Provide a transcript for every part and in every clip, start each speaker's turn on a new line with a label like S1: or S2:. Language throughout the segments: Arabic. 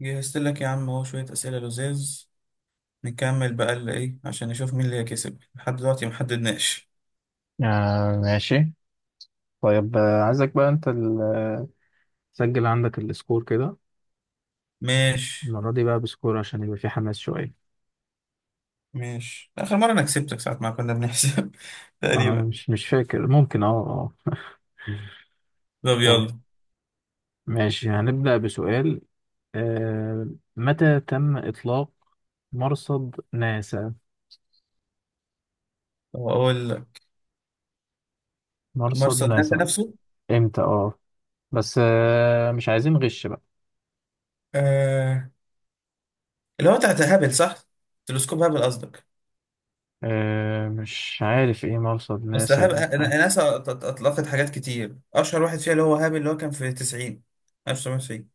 S1: جهزت لك يا عم اهو شوية أسئلة لذيذ. نكمل بقى اللي إيه عشان نشوف مين اللي هيكسب. لحد دلوقتي محددناش.
S2: آه ماشي. طيب عايزك بقى انت تسجل عندك السكور كده.
S1: ماشي.
S2: المرة دي بقى بسكور عشان يبقى في حماس شوية.
S1: ماشي، آخر مرة أنا كسبتك ساعة ما كنا بنحسب تقريبا.
S2: مش فاكر، ممكن اه
S1: طب
S2: طيب
S1: يلا.
S2: ماشي هنبدأ بسؤال، آه متى تم إطلاق مرصد ناسا؟
S1: طب أقول لك،
S2: مرصد
S1: مرسل ناسا
S2: ناسا
S1: نفسه.
S2: امتى بس مش عايزين غش بقى.
S1: آه... اللي هو بتاع هابل، صح؟ تلسكوب هابل قصدك.
S2: مش عارف ايه مرصد
S1: بس هابل
S2: ناسا.
S1: ناسا أطلقت حاجات كتير، أشهر واحد فيها اللي هو هابل، اللي هو كان في 90، 1990.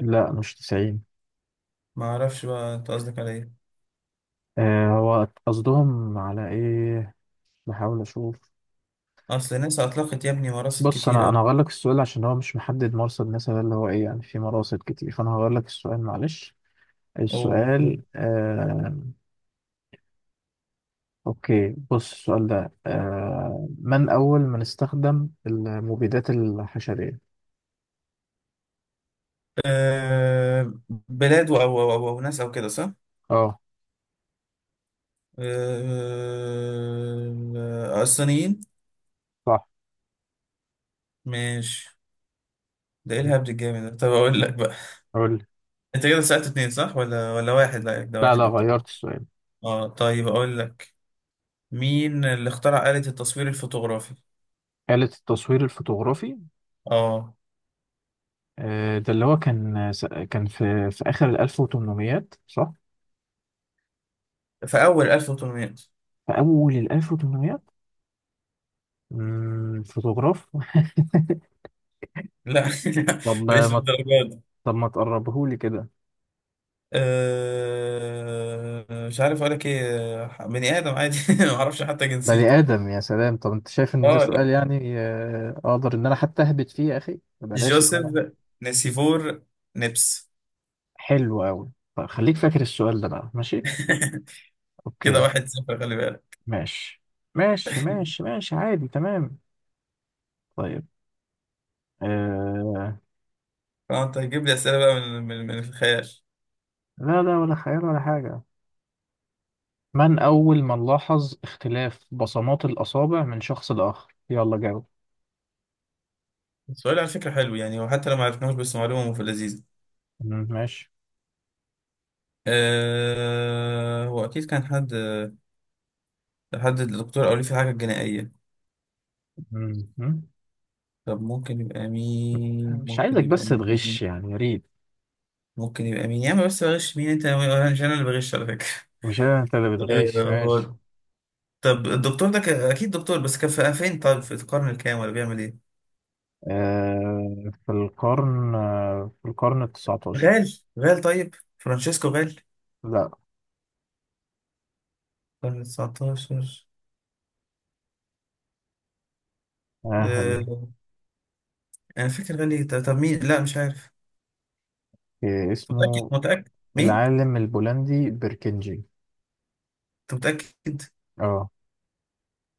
S2: لا مش 90.
S1: ما أعرفش بقى أنت قصدك على إيه.
S2: هو قصدهم على ايه؟ بحاول اشوف.
S1: أصل ناسا أطلقت يا ابني مراسل
S2: بص
S1: كتير
S2: انا
S1: أوي.
S2: انا هغير لك السؤال عشان هو مش محدد مرصد مثلا اللي هو ايه، يعني في مراصد كتير، فانا هغير لك السؤال معلش.
S1: أوه.
S2: السؤال اوكي، بص السؤال ده: من اول من استخدم المبيدات الحشرية؟
S1: بلاد أو أو ناس أو كده، صح؟
S2: اه
S1: الصينيين.
S2: صح.
S1: ماشي. ده إيه الهبد الجامد ده؟ طب أقول لك بقى.
S2: قول لي.
S1: أنت كده سألت اتنين صح ولا واحد؟ لا ده
S2: لا
S1: واحد
S2: لا،
S1: يعتبر.
S2: غيرت السؤال.
S1: اه طيب أقول لك، مين اللي اخترع آلة التصوير الفوتوغرافي؟
S2: آلة التصوير الفوتوغرافي؟
S1: اه،
S2: ده اللي هو كان في اخر ال 1800 صح؟
S1: في أول 1800.
S2: في اول ال 1800. فوتوغراف
S1: لا
S2: طب
S1: مش
S2: ما
S1: للدرجة دي.
S2: طب ما تقربهولي كده.
S1: مش عارف أقول لك إيه. بني آدم عادي معرفش حتى جنسيته.
S2: بني آدم، يا سلام. طب أنت شايف إن ده سؤال؟
S1: اه،
S2: يعني أقدر إن أنا حتى أهبط فيه يا أخي، بلاش إن أنا.
S1: جوزيف نسيفور نبس.
S2: حلو أوي. طب خليك فاكر السؤال ده بقى، ماشي.
S1: كده
S2: أوكي.
S1: واحد صفر، خلي بالك.
S2: ماشي ماشي ماشي ماشي، عادي، تمام. طيب. آه...
S1: فانت هتجيب لي اسئله بقى من من الخيال.
S2: لا لا، ولا خيال ولا حاجة. من أول من لاحظ اختلاف بصمات الأصابع من شخص لآخر؟ يلا جاوب.
S1: السؤال على فكره حلو يعني، وحتى لو ما عرفناهوش بس معلومه في اللذيذ.
S2: مم، ماشي.
S1: أه هو اكيد كان حد، الدكتور او ليه في حاجه جنائيه.
S2: مم، مم.
S1: طب ممكن يبقى مين؟
S2: مش عايزك بس تغش يعني، يا ريت.
S1: ممكن يبقى مين يا عم؟ بس بغش مين انت؟ انا مش انا اللي بغش على فكره.
S2: مش أنا، أنت اللي
S1: أه
S2: بتغش، ماشي.
S1: هو- طب الدكتور ده اكيد دكتور، بس كان فين؟ طيب في القرن الكام ولا بيعمل ايه؟
S2: في القرن التسعتاشر.
S1: غال غال، طيب فرانشيسكو غال.
S2: لا.
S1: قرن 19.
S2: آه،
S1: آه، انا فاكر غالي. طب مين؟ لا مش عارف. أنت متأكد
S2: اسمه
S1: متأكد مين؟
S2: العالم البولندي بيركنجي.
S1: انت متأكد؟
S2: اه.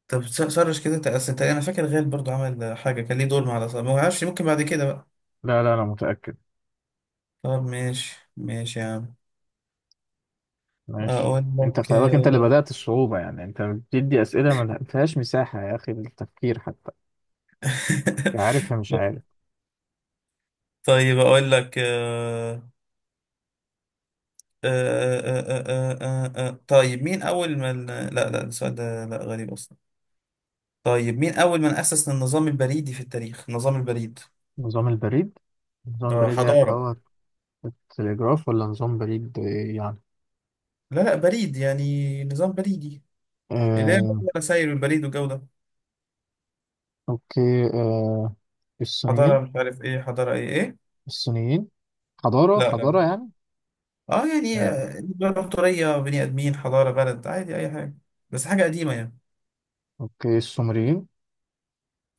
S1: طب سرش كده انت، اصل انت، انا فاكر غال برضو عمل حاجة كان ليه دور مع الأصابة، ما اعرفش، ممكن بعد كده بقى.
S2: لا لا، انا متأكد.
S1: طب ماشي ماشي يا عم.
S2: ماشي.
S1: اقول
S2: انت
S1: لك،
S2: خلي بالك، انت اللي بدأت الصعوبة، يعني انت بتدي أسئلة ما فيهاش مساحة يا اخي للتفكير حتى، يا عارف يا مش عارف.
S1: طيب اقول لك، طيب مين اول ما ال- لا لا السؤال ده لا غريب اصلا. طيب مين أول من أسس النظام البريدي في التاريخ؟ النظام البريد.
S2: نظام البريد. نظام
S1: آه
S2: بريد يعني اللي
S1: حضارة.
S2: هو التليجراف، ولا نظام بريد يعني؟
S1: لا لا، بريد يعني نظام بريدي، اللي
S2: آه،
S1: هي سير البريد والجو ده.
S2: اوكي. الصينيين.
S1: حضارة مش عارف إيه، حضارة إيه إيه.
S2: الصينيين. حضارة،
S1: لا لا
S2: حضارة
S1: لا.
S2: يعني. آه،
S1: إمبراطورية، بني آدمين، حضارة، بلد، عادي أي حاجة. بس حاجة قديمة يعني.
S2: اوكي، السومريين.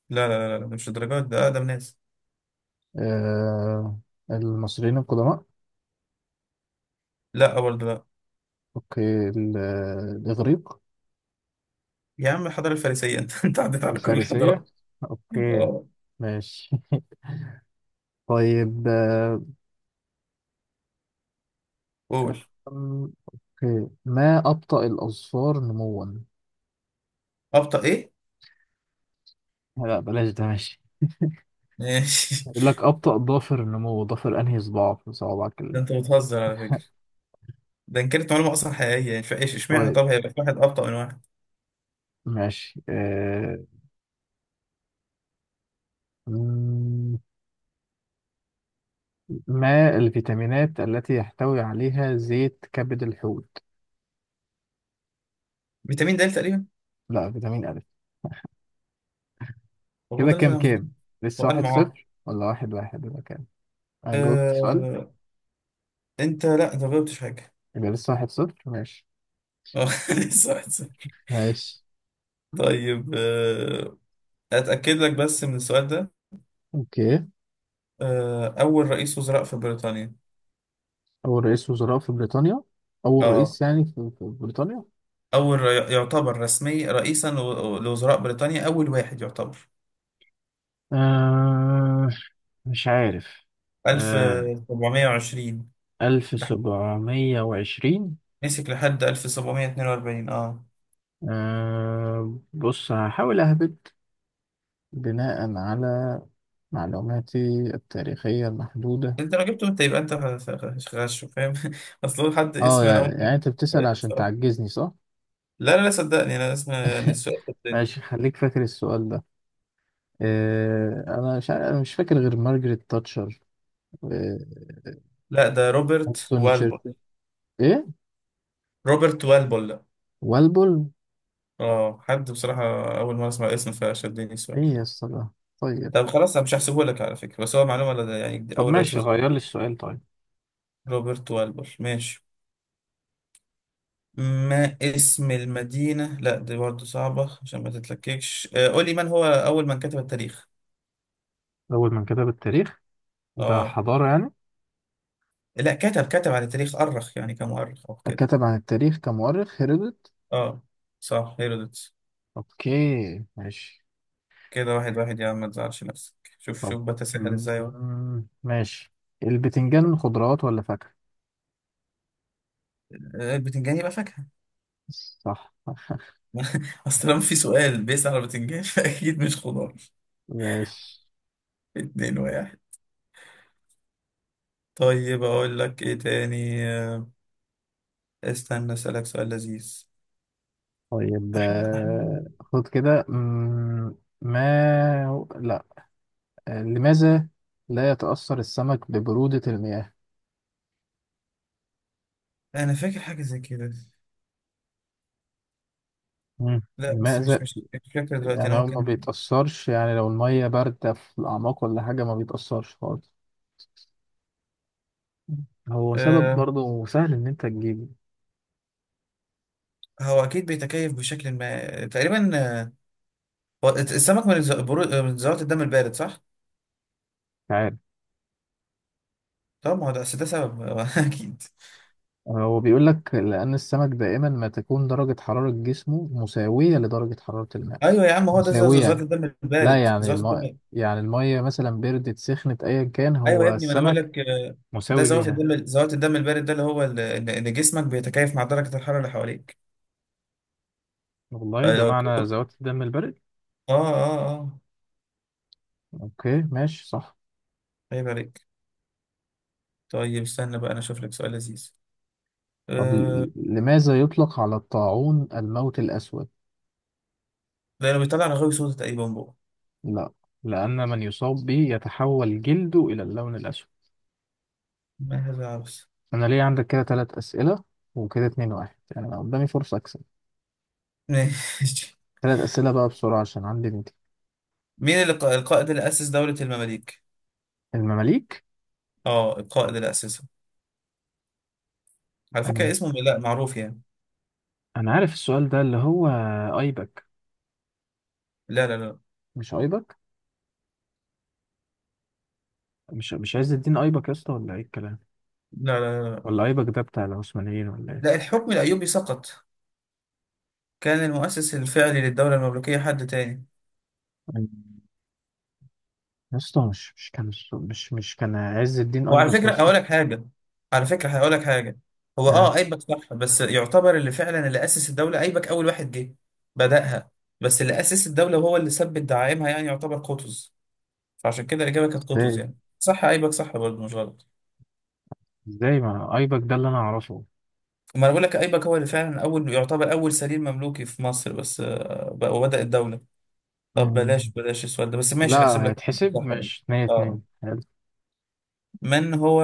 S1: لا مش الدرجات ده، أقدم ناس.
S2: آه المصريين القدماء.
S1: لا برضه لا.
S2: اوكي، الاغريق.
S1: يا عم الحضارة الفارسية أنت عديت على كل
S2: الفارسية.
S1: الحضارات.
S2: اوكي،
S1: آه
S2: ماشي. طيب
S1: قول.
S2: اوكي، ما أبطأ الأظفار نموا؟
S1: أبطأ إيه؟
S2: لا بلاش ده، ماشي.
S1: ماشي.
S2: يقول لك أبطأ ضافر النمو، ضافر أنهي صباع في صوابعك
S1: ده أنت بتهزر على فكرة. ده ان كانت معلومه اصلا حقيقيه يعني، فايش اشمعنى
S2: طيب
S1: طب هيبقى في واحد ابطا من واحد.
S2: ماشي. أم، ما الفيتامينات التي يحتوي عليها زيت كبد الحوت؟
S1: فيتامين د تقريبا.
S2: لا، فيتامين أ. كده
S1: وقد
S2: كام
S1: نزل.
S2: كام؟ لسه
S1: وقال
S2: واحد
S1: معاق.
S2: صفر ولا واحد واحد ولا كام؟ انا جاوبت سؤال.
S1: آه... انت لا انت ما جاوبتش حاجه.
S2: يبقى لسه واحد صفر، ماشي.
S1: آه، لسه واحد صفر.
S2: ماشي،
S1: طيب اتاكد لك بس من السؤال ده.
S2: اوكي.
S1: اول رئيس وزراء في بريطانيا.
S2: اول رئيس وزراء في بريطانيا. اول
S1: اه،
S2: رئيس يعني في بريطانيا.
S1: اول يعتبر رسمي رئيسا لوزراء بريطانيا، اول واحد يعتبر.
S2: آه مش عارف. آه
S1: 1720.
S2: ألف
S1: لح-
S2: سبعمية وعشرين.
S1: مسك لحد 1742. اه
S2: بص هحاول أهبط بناء على معلوماتي التاريخية المحدودة.
S1: انت لو جبته انت يبقى انت غش، فاهم؟ اصل هو حد
S2: اه
S1: اسم، انا
S2: يعني
S1: اول
S2: يعني انت بتسأل
S1: مرة
S2: عشان
S1: بصراحة.
S2: تعجزني صح؟
S1: لا لا لا، صدقني انا اسم يعني السؤال، صدقني.
S2: ماشي خليك فاكر السؤال ده. انا مش عارف- أنا مش فاكر غير مارجريت تاتشر. آه،
S1: لا ده روبرت
S2: وينستون
S1: والبول.
S2: تشرشل. ايه؟
S1: روبرت والبول، لا.
S2: والبول؟
S1: اه حد بصراحة أول مرة أسمع اسم، فشدني
S2: ايه
S1: السؤال.
S2: يا اسطى ده؟ طيب.
S1: طب خلاص أنا مش هحسبه لك على فكرة، بس هو معلومة لدى يعني دي
S2: طب
S1: أول رئيس
S2: ماشي
S1: وزراء.
S2: غير لي السؤال، طيب.
S1: روبرت والبول. ماشي. ما اسم المدينة، لا دي برضه صعبة عشان ما تتلككش. قول لي، من هو أول من كتب التاريخ؟
S2: اول من كتب التاريخ؟ ده
S1: اه.
S2: حضارة يعني.
S1: لا، كتب على التاريخ، أرخ يعني، كمؤرخ أو كده.
S2: كتب عن التاريخ كمؤرخ، هيرودوت.
S1: اه صح، هيرودوتس.
S2: اوكي، ماشي.
S1: كده واحد واحد يا عم، ما تزعلش نفسك. شوف
S2: طب،
S1: شوف بتساهل ازاي اهو.
S2: مم، ماشي. البتنجان خضروات ولا فاكهة؟
S1: البتنجان يبقى فاكهة.
S2: صح
S1: اصل لما في سؤال بيسأل على البتنجان فأكيد مش خضار.
S2: ماشي.
S1: اتنين واحد. طيب اقول لك ايه تاني. استنى اسألك سؤال لذيذ.
S2: طيب
S1: احنا احنا
S2: خد كده. ما هو- لا، لماذا لا يتأثر السمك ببرودة المياه؟
S1: انا فاكر حاجة زي كده.
S2: مم.
S1: لا بس مش
S2: لماذا؟
S1: مش مش فاكر دلوقتي، انا
S2: يعني هو ما
S1: ممكن.
S2: بيتأثرش، يعني لو المية باردة في الأعماق ولا حاجة ما بيتأثرش خالص. هو سبب
S1: أه
S2: برضه سهل إن أنت تجيبه.
S1: هو اكيد بيتكيف بشكل ما تقريبا. آه، هو السمك من من ذرات الدم البارد، صح؟
S2: مش عارف.
S1: طب ما هو ده أصل ده سبب اكيد.
S2: هو بيقول لك لأن السمك دائما ما تكون درجة حرارة جسمه مساوية لدرجة حرارة الماء.
S1: ايوه يا عم هو ده زوات
S2: مساوية.
S1: الدم
S2: لا
S1: البارد،
S2: يعني
S1: زوات الدم.
S2: يعني المية مثلا بردت، سخنت، أيا كان،
S1: ايوه يا
S2: هو
S1: ابني ما انا بقول
S2: السمك
S1: لك، ده
S2: مساوي
S1: زوات
S2: ليها.
S1: الدم، زوات الدم البارد، ده اللي هو ال- ان إن جسمك بيتكيف مع درجه الحراره اللي حواليك.
S2: والله، ده
S1: فلو
S2: معنى ذوات الدم البارد.
S1: اه اه اه
S2: أوكي، ماشي، صح.
S1: عيب عليك. طيب استنى بقى انا اشوف لك سؤال لذيذ.
S2: طب
S1: أه...
S2: لماذا يطلق على الطاعون الموت الأسود؟
S1: لانه بيطلع رغاوي سودا تقريبا بقى.
S2: لا، لأن من يصاب به يتحول جلده إلى اللون الأسود.
S1: ما هذا عبث.
S2: أنا ليه عندك كده تلات أسئلة وكده اتنين واحد يعني؟ أنا قدامي فرصة أكسب.
S1: ماشي.
S2: تلات أسئلة بقى بسرعة عشان عندي ميتنج.
S1: مين اللي القائد اللي اسس دوله المماليك؟
S2: المماليك.
S1: اه القائد اللي اسسها، على
S2: أنا
S1: فكره اسمه لا معروف يعني.
S2: أنا عارف السؤال ده اللي هو أيبك.
S1: لا لا لا
S2: مش أيبك؟ مش عايز الدين أيبك يا اسطى، ولا إيه الكلام؟
S1: لا.
S2: ولا أيبك ده بتاع العثمانيين ولا إيه؟
S1: لا، الحكم الايوبي سقط، كان المؤسس الفعلي للدولة المملوكية حد تاني.
S2: يا اسطى مش كان، مش كان عز الدين
S1: وعلى
S2: أيبك يا
S1: فكرة
S2: اسطى.
S1: هقول لك حاجة. على فكرة هقول لك حاجة. هو
S2: يا.
S1: اه ايبك صح، بس يعتبر اللي فعلا أسس الدولة، ايبك أول واحد جه بدأها، بس اللي أسس الدولة وهو اللي ثبت دعائمها يعني يعتبر قطز. فعشان كده الإجابة كانت قطز،
S2: ازاي؟
S1: يعني صح ايبك، صح برضه مش غلط.
S2: ازاي ما ايبك ده اللي انا اعرفه؟
S1: ما انا بقول لك ايبك هو اللي فعلا اول، يعتبر اول سليم مملوكي في مصر، بس وبدأ الدولة. طب بلاش
S2: مم.
S1: بلاش السؤال ده، بس ماشي نحسب
S2: لا
S1: لك.
S2: هيتحسب،
S1: صح يعني.
S2: مش اتنين
S1: اه.
S2: اتنين، حلو.
S1: من هو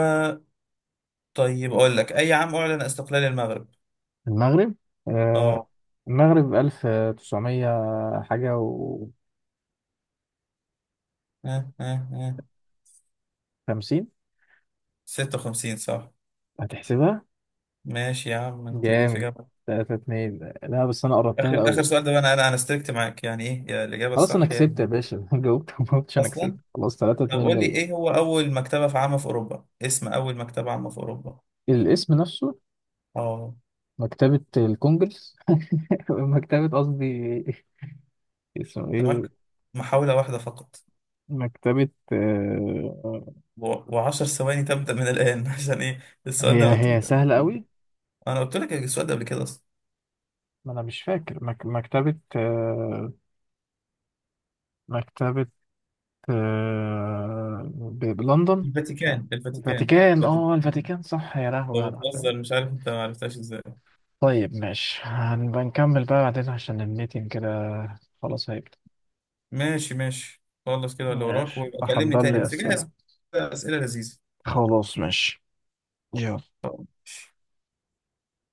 S1: طيب أقول لك، أي عام أعلن استقلال المغرب؟
S2: المغرب. آه
S1: أه.
S2: المغرب ألف تسعمية حاجة
S1: آه، آه، آه.
S2: وخمسين.
S1: 56 صح.
S2: هتحسبها؟
S1: ماشي يا عم أنت جيت في
S2: جامد.
S1: جامعة.
S2: تلاتة اتنين، لا بس أنا قربتها
S1: آخر
S2: قوي.
S1: سؤال ده بقى، أنا استركت معاك يعني إيه يا الإجابة
S2: خلاص أنا
S1: الصح
S2: كسبت يا
S1: يعني.
S2: باشا جاوبت، ما قلتش أنا كسبت
S1: أصلا
S2: خلاص، تلاتة
S1: طب
S2: اتنين
S1: قول لي،
S2: ليا.
S1: إيه هو أول مكتبة في عامة في أوروبا؟ اسم أول مكتبة عامة في أوروبا.
S2: الاسم نفسه.
S1: أه.
S2: مكتبة الكونجرس مكتبة قصدي. اسمه
S1: أنت
S2: إيه؟
S1: معاك محاولة واحدة فقط،
S2: مكتبة
S1: وعشر ثواني تبدأ من الآن. عشان إيه السؤال
S2: هي
S1: ده؟ أنا قلت
S2: هي
S1: لك قبل
S2: سهلة
S1: كده.
S2: قوي.
S1: أنا قلت لك السؤال ده قبل كده أصلا.
S2: ما انا مش فاكر. مكتبة بلندن، مش عارف.
S1: الفاتيكان، الفاتيكان.
S2: الفاتيكان،
S1: الفاتيكان.
S2: الفاتيكان صح، يا لهوي
S1: أنت
S2: على الحكاية.
S1: بتهزر، مش عارف أنت ما عرفتهاش إزاي.
S2: طيب ماشي، هنبقى نكمل بقى بعدين عشان الميتنج كده خلاص هيبدأ.
S1: ماشي ماشي، خلص كده اللي وراك
S2: ماشي،
S1: ويبقى كلمني
S2: أحضر
S1: تاني
S2: لي
S1: بس جهز.
S2: أسئلة.
S1: أسئلة لذيذة.
S2: خلاص ماشي. يلا.